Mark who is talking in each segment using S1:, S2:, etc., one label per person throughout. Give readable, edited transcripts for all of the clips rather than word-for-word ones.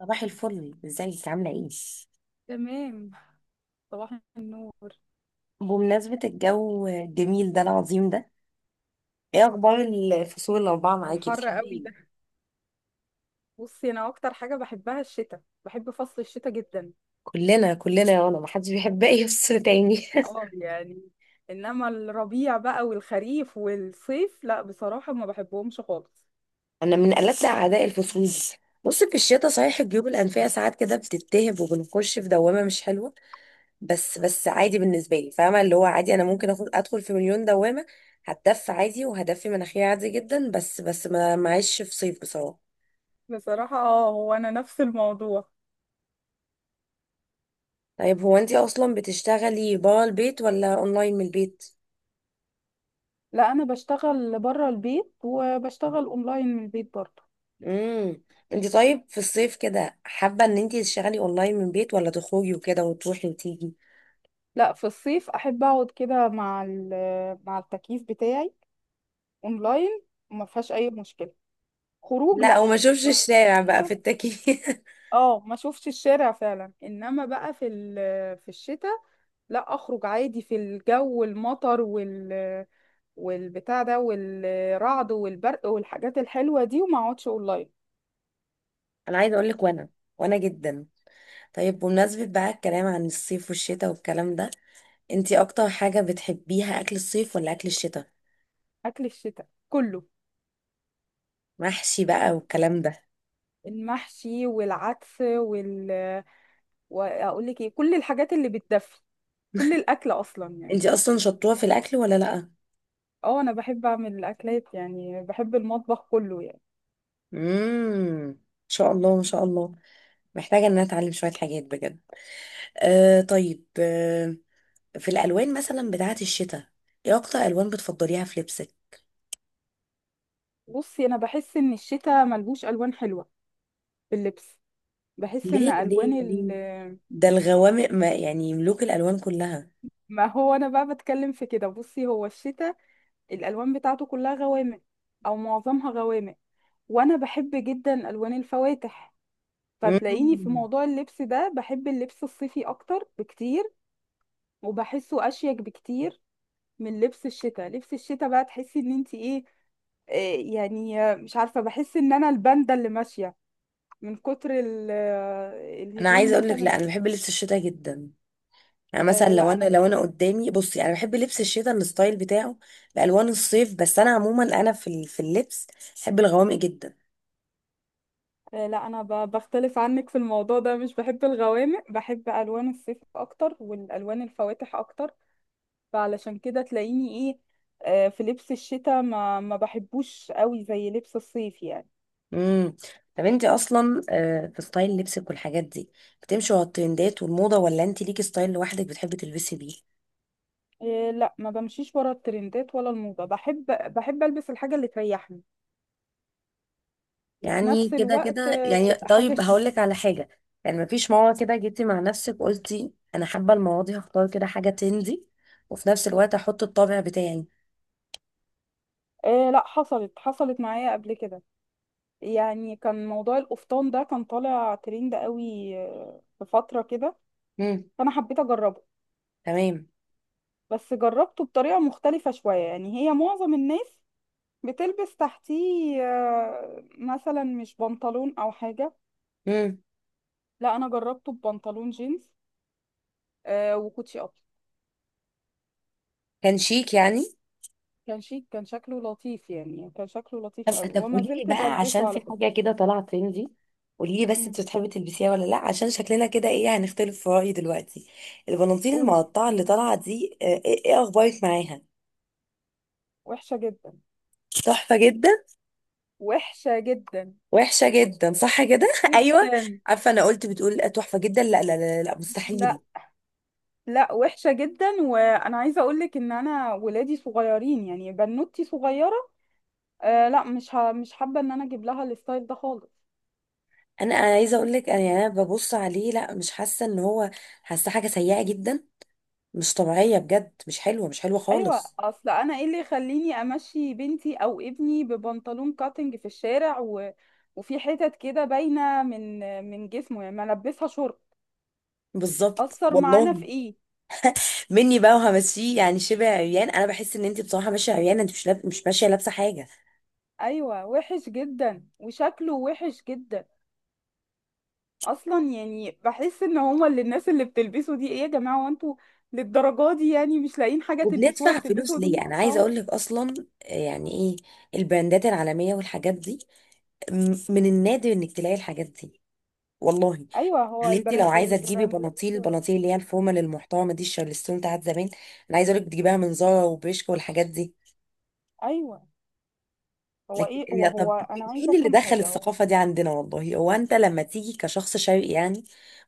S1: صباح الفل، ازيك؟ عاملة ايه؟
S2: تمام. صباح النور.
S1: بمناسبة الجو الجميل ده العظيم ده، ايه اخبار الفصول الاربعة معاكي؟
S2: الحر
S1: بتحبي
S2: قوي
S1: ايه؟
S2: ده. بصي، انا اكتر حاجه بحبها الشتاء، بحب فصل الشتاء جدا.
S1: كلنا يا رنا، محدش بيحب اي فصل تاني.
S2: اه يعني، انما الربيع بقى والخريف والصيف لا، بصراحه ما بحبهمش خالص.
S1: انا من قلبنا اعداء الفصول دي. بص، في الشتاء صحيح الجيوب الانفية ساعات كده بتتهب وبنخش في دوامة مش حلوة، بس عادي بالنسبة لي، فاهمة؟ اللي هو عادي، انا ممكن اخد ادخل في مليون دوامة، هتدفي عادي وهدفي مناخيري عادي جدا، بس ما معيش في صيف بصراحة.
S2: بصراحه اه، هو انا نفس الموضوع.
S1: طيب هو انت اصلا بتشتغلي برا البيت ولا اونلاين من البيت؟
S2: لا، انا بشتغل بره البيت وبشتغل اونلاين من البيت برضه.
S1: امم انت طيب في الصيف كده حابه ان انت تشتغلي اونلاين من البيت ولا تخرجي وكده وتروحي وتيجي؟
S2: لا، في الصيف احب اقعد كده مع مع التكييف بتاعي اونلاين، وما فيهاش اي مشكله. خروج
S1: لا،
S2: لا.
S1: او ما اشوفش
S2: لو-
S1: الشارع بقى في التكييف.
S2: اه، ما شوفش الشارع فعلا. انما بقى في الشتاء، لا، اخرج عادي في الجو المطر والبتاع ده والرعد والبرق والحاجات الحلوة دي، وما اقعدش اونلاين.
S1: انا عايزه اقول لك، وانا وانا جدا. طيب بمناسبه بقى الكلام عن الصيف والشتاء والكلام ده، انت اكتر حاجه بتحبيها اكل الصيف ولا اكل الشتاء؟
S2: اكل الشتاء كله،
S1: محشي بقى والكلام ده.
S2: المحشي والعدس واقول لك ايه، كل الحاجات اللي بتدفي، كل الاكل اصلا يعني.
S1: انت اصلا شطوره في الاكل ولا لا؟
S2: اه، انا بحب اعمل الاكلات، يعني بحب المطبخ كله يعني.
S1: ان شاء الله، ان شاء الله. محتاجه ان انا اتعلم شويه حاجات بجد. آه طيب، آه، في الألوان مثلا بتاعة الشتاء، ايه أكتر ألوان بتفضليها في لبسك؟
S2: بصي، انا بحس ان الشتاء ملهوش الوان حلوة في اللبس. بحس ان
S1: ليه
S2: الوان
S1: ليه
S2: ال
S1: ليه؟ ده الغوامق ما يعني ملوك الألوان كلها.
S2: ما هو انا بقى بتكلم في كده. بصي، هو الشتاء الالوان بتاعته كلها غوامق، او معظمها غوامق، وانا بحب جدا الوان الفواتح. فتلاقيني في
S1: مم.
S2: موضوع اللبس ده بحب اللبس الصيفي اكتر بكتير، وبحسه اشيك بكتير من لبس الشتاء. لبس الشتاء بقى تحسي ان انت ايه، مش عارفة، بحس ان انا الباندا اللي ماشية من كتر
S1: أنا
S2: الهدوم
S1: عايزة أقول لك،
S2: مثلا.
S1: لا، أنا بحب لبس الشتاء جدا. يعني مثلا
S2: آه،
S1: لو
S2: لا
S1: أنا
S2: انا
S1: لو أنا قدامي، بصي أنا بحب لبس الشتاء الستايل بتاعه بألوان الصيف، بس أنا عموما أنا في اللبس بحب الغوامق جدا.
S2: لا انا بختلف عنك في الموضوع ده، مش بحب الغوامق، بحب الوان الصيف اكتر والالوان الفواتح اكتر. فعلشان كده تلاقيني ايه، في لبس الشتاء ما بحبوش قوي زي لبس الصيف يعني.
S1: امم طب انت اصلا في ستايل لبسك والحاجات دي، بتمشي على الترندات والموضه ولا انت ليكي ستايل لوحدك بتحبي تلبسي بيه؟
S2: إيه لا، ما بمشيش ورا الترندات ولا الموضة. بحب بحب البس الحاجة اللي تريحني، وفي
S1: يعني
S2: نفس
S1: كده
S2: الوقت
S1: كده يعني.
S2: تبقى حاجة
S1: طيب
S2: شيك.
S1: هقول لك على حاجة، يعني مفيش موضوع كده جيتي مع نفسك قلتي أنا حابة المواضيع، هختار كده حاجة تندي وفي نفس الوقت أحط الطابع بتاعي؟
S2: إيه لا، حصلت معايا قبل كده. يعني كان موضوع القفطان ده كان طالع ترند قوي في فترة كده،
S1: امم
S2: فأنا حبيت أجربه.
S1: تمام.
S2: بس جربته بطريقة مختلفة شوية. يعني هي معظم الناس بتلبس تحتيه مثلا مش بنطلون أو حاجة.
S1: امم
S2: لا، أنا جربته ببنطلون جينز وكوتشي أبيض.
S1: كان شيك يعني؟
S2: كان شيك، كان شكله لطيف يعني، كان شكله
S1: طب
S2: لطيف أوي،
S1: طب
S2: وما
S1: قولي لي
S2: زلت
S1: بقى،
S2: بلبسه
S1: عشان في
S2: على فكرة.
S1: حاجة كده طالعة ترندي، قولي لي بس
S2: أمم،
S1: انت بتحبي تلبسيها ولا لا، عشان شكلنا كده ايه هنختلف في رأيي دلوقتي. البناطيل
S2: قولي.
S1: المقطعة اللي طالعة دي ايه، إيه أخبارك معاها؟
S2: وحشة جدا.
S1: تحفة جدا.
S2: وحشة جدا.
S1: وحشة جدا صح كده؟ ايوه.
S2: جدا.
S1: عارفة انا قلت بتقول تحفة جدا؟ لا لا لا، لا مستحيل.
S2: لا. لا وحشة جدا، وأنا عايزة أقولك إن أنا ولادي صغيرين، يعني بنوتي صغيرة. آه لا، مش حابة إن أنا أجيب لها الستايل ده خالص.
S1: أنا عايزة اقول لك، انا يعني انا ببص عليه، لا مش حاسة ان هو، حاسة حاجة سيئة جدا، مش طبيعية بجد، مش حلوة، مش حلوة
S2: ايوه،
S1: خالص.
S2: اصل انا ايه اللي يخليني امشي بنتي او ابني ببنطلون كاتنج في الشارع وفي حتت كده باينه من جسمه، يعني ما البسها شورت،
S1: بالظبط
S2: اثر معانا في
S1: والله.
S2: ايه.
S1: مني بقى وهمشيه يعني شبه عريان، انا بحس ان انت بصراحة ماشية عريانة، انت مش ماشية لابسة حاجة.
S2: ايوه، وحش جدا وشكله وحش جدا. اصلا يعني بحس ان هما اللي الناس اللي بتلبسوا دي، ايه يا جماعه، هو انتوا للدرجه دي يعني مش لاقيين حاجه تلبسوها،
S1: وبندفع فلوس
S2: بتلبسوا هدوم
S1: ليه؟ انا عايزة
S2: مقطعه.
S1: اقول لك اصلا يعني ايه، البراندات العالمية والحاجات دي، من النادر انك تلاقي الحاجات دي، والله.
S2: ايوه.
S1: يعني انت لو عايزه تجيبي
S2: البراندات
S1: بناطيل، اللي هي الفورمه للمحترمه دي، الشارلستون بتاعت زمان، انا عايزه اقول لك بتجيبها من زارا وبريشكا والحاجات دي.
S2: ايوه. هو
S1: لكن
S2: ايه، هو
S1: يا طب،
S2: هو انا عايزه
S1: مين اللي
S2: افهم
S1: دخل
S2: حاجه. هو
S1: الثقافه دي عندنا والله؟ هو انت لما تيجي كشخص شرقي يعني،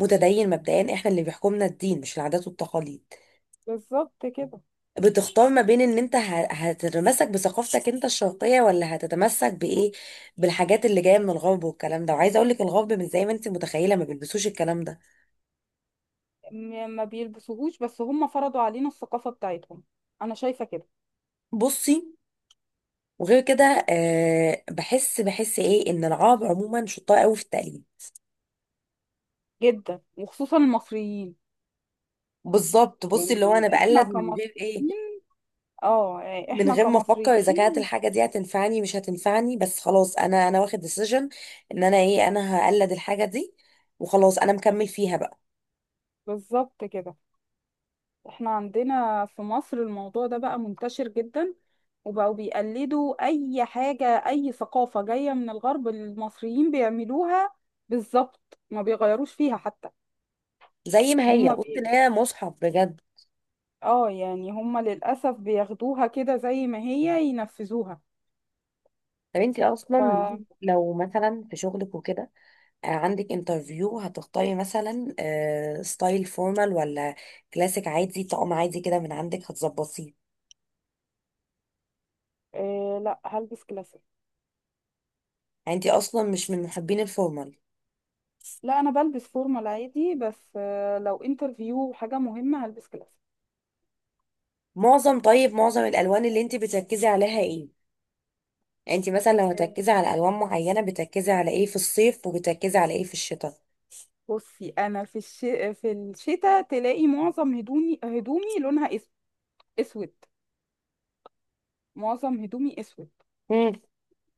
S1: متدين مبدئيا، احنا اللي بيحكمنا الدين مش العادات والتقاليد،
S2: بالظبط كده.
S1: بتختار ما بين ان انت هتتمسك بثقافتك انت الشرقيه ولا هتتمسك بايه، بالحاجات اللي جايه من الغرب والكلام ده. وعايزه اقول لك الغرب مش زي ما انت متخيله، ما بيلبسوش الكلام ده.
S2: ما بيلبسوهوش، بس هم فرضوا علينا الثقافة بتاعتهم. انا شايفة كده.
S1: بصي، وغير كده آه، بحس، ايه، ان العرب عموما شطار قوي في التقليد.
S2: جدا، وخصوصا المصريين،
S1: بالظبط. بصي اللي هو
S2: يعني
S1: انا
S2: احنا
S1: بقلد من غير ايه،
S2: كمصريين. اه يعني
S1: من
S2: احنا
S1: غير ما افكر
S2: كمصريين.
S1: اذا كانت الحاجه دي هتنفعني مش هتنفعني، بس خلاص انا واخد ديسيجن ان انا ايه، انا هقلد الحاجه دي وخلاص، انا مكمل فيها بقى
S2: بالظبط كده. احنا عندنا في مصر الموضوع ده بقى منتشر جدا، وبقوا بيقلدوا اي حاجة، اي ثقافة جاية من الغرب المصريين بيعملوها بالظبط، ما بيغيروش فيها حتى.
S1: زي ما هي،
S2: هم
S1: بصي اللي
S2: بي...
S1: هي مصحف بجد.
S2: اه يعني هم للأسف بياخدوها كده زي ما هي، ينفذوها.
S1: طب انت اصلا لو مثلا في شغلك وكده، عندك انترفيو، هتختاري مثلا ستايل فورمال ولا كلاسيك عادي، طقم عادي كده من عندك هتظبطيه؟
S2: آه لا، هلبس كلاسيك.
S1: يعني انت اصلا مش من محبين الفورمال؟
S2: لا، انا بلبس فورمال عادي، بس آه لو انترفيو حاجه مهمه هلبس كلاسيك.
S1: معظم، طيب معظم الالوان اللي انت بتركزي عليها ايه؟ يعني انت مثلا لو
S2: مم.
S1: هتركزي على الوان معينه، بتركزي على ايه في الصيف وبتركزي على ايه في الشتاء؟
S2: بصي انا في الش... في الشتاء تلاقي معظم هدومي، اسود. معظم هدومي اسود
S1: امم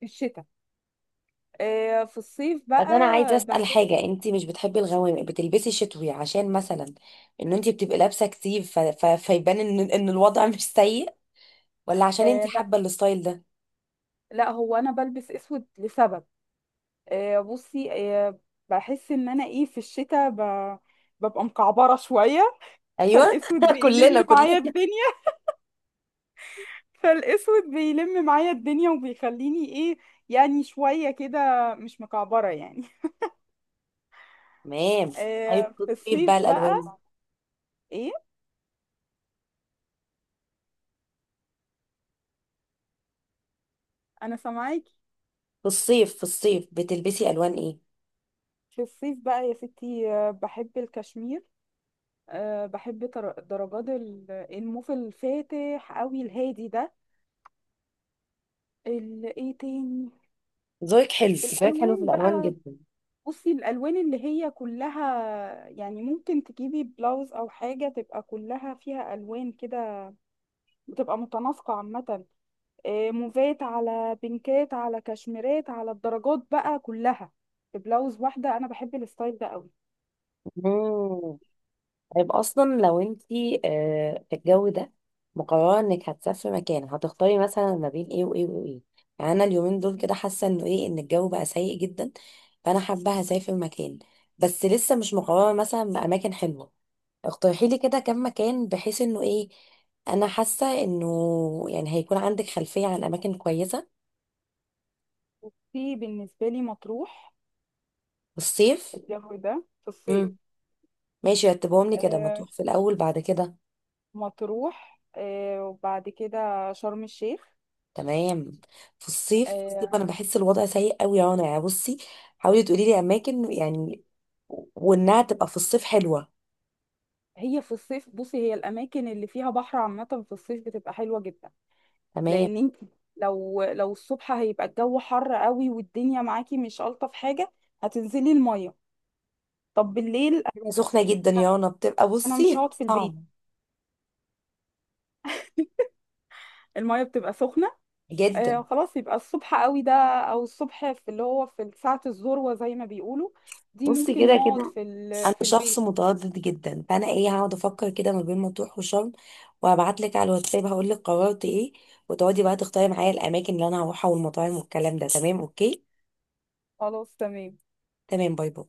S2: في الشتاء. آه في الصيف
S1: بس انا عايزه
S2: بقى
S1: اسال
S2: بحس.
S1: حاجه، انت مش بتحبي الغوامق، بتلبسي شتوي عشان مثلا ان انت بتبقي لابسه كتير فيبان ان الوضع مش سيء، ولا عشان انت
S2: آه لا،
S1: حابه الستايل ده؟
S2: لا هو انا بلبس اسود لسبب. آه، بصي آه، بحس ان انا ايه، في الشتاء ببقى مكعبره شويه،
S1: ايوه.
S2: فالاسود
S1: كلنا
S2: بيلم
S1: كلنا
S2: معايا الدنيا. فالاسود بيلم معايا الدنيا وبيخليني ايه، يعني شوية كده مش مكعبرة يعني.
S1: تمام. طيب
S2: آه
S1: في
S2: في
S1: الصيف بقى
S2: الصيف
S1: الالوان،
S2: بقى. ايه، انا سامعاكي.
S1: في الصيف، بتلبسي الوان ايه؟
S2: في الصيف بقى يا ستي، بحب الكشمير. أه، بحب درجات الموف الفاتح قوي الهادي ده. ايه تاني؟
S1: ذوقك حلو، ذوقك حلو في
S2: الالوان
S1: الالوان
S2: بقى،
S1: جدا.
S2: بصي الالوان اللي هي كلها، يعني ممكن تجيبي بلاوز او حاجه تبقى كلها فيها الوان كده، بتبقى متناسقه عامه، موفات على بينكات على كشميرات على الدرجات بقى كلها في بلاوز واحدة. أنا بحب الستايل ده قوي.
S1: مم. طيب اصلا لو انتي في الجو ده مقرره انك هتسافري مكان، هتختاري مثلا ما بين ايه وايه وايه؟ يعني انا اليومين دول كده حاسه انه ايه، ان الجو بقى سيء جدا، فانا حابه هسافر مكان، بس لسه مش مقرره. مثلا باماكن حلوه، اقترحي لي كده كم مكان، بحيث انه ايه، انا حاسه انه يعني هيكون عندك خلفيه عن اماكن كويسه.
S2: في بالنسبة لي مطروح،
S1: والصيف.
S2: الجو ده في الصيف.
S1: امم ماشي، رتبهم لي كده، ما
S2: آه،
S1: تروح في الاول بعد كده.
S2: مطروح، وبعد كده شرم الشيخ.
S1: تمام. في الصيف
S2: آه،
S1: انا بحس الوضع سيء قوي يا رنا، يعني بصي حاولي تقولي لي اماكن يعني، وانها تبقى في الصيف حلوه.
S2: هي في الصيف، بصي هي الأماكن اللي فيها بحر عامة في الصيف بتبقى حلوة جدا،
S1: تمام.
S2: لأن انت لو الصبح هيبقى الجو حر قوي، والدنيا معاكي مش ألطف حاجة، هتنزلي المية. طب بالليل،
S1: بتبقى سخنه جدا يا رنا، بتبقى
S2: أنا مش
S1: بصي
S2: هقعد في
S1: صعبه
S2: البيت. المية بتبقى سخنة. آه
S1: جدا.
S2: خلاص، يبقى الصبح قوي ده، أو الصبح في اللي هو في ساعة الذروة زي ما بيقولوا، دي
S1: بصي
S2: ممكن
S1: كده
S2: نقعد
S1: كده،
S2: في
S1: انا
S2: في
S1: شخص
S2: البيت.
S1: متردد جدا، فانا ايه هقعد افكر كده ما بين مطروح وشرم، وهبعت لك على الواتساب هقول لك قررت ايه، وتقعدي بقى تختاري معايا الاماكن اللي انا هروحها والمطاعم والكلام ده. تمام، اوكي؟
S2: خلاص تمام.
S1: تمام، باي باي.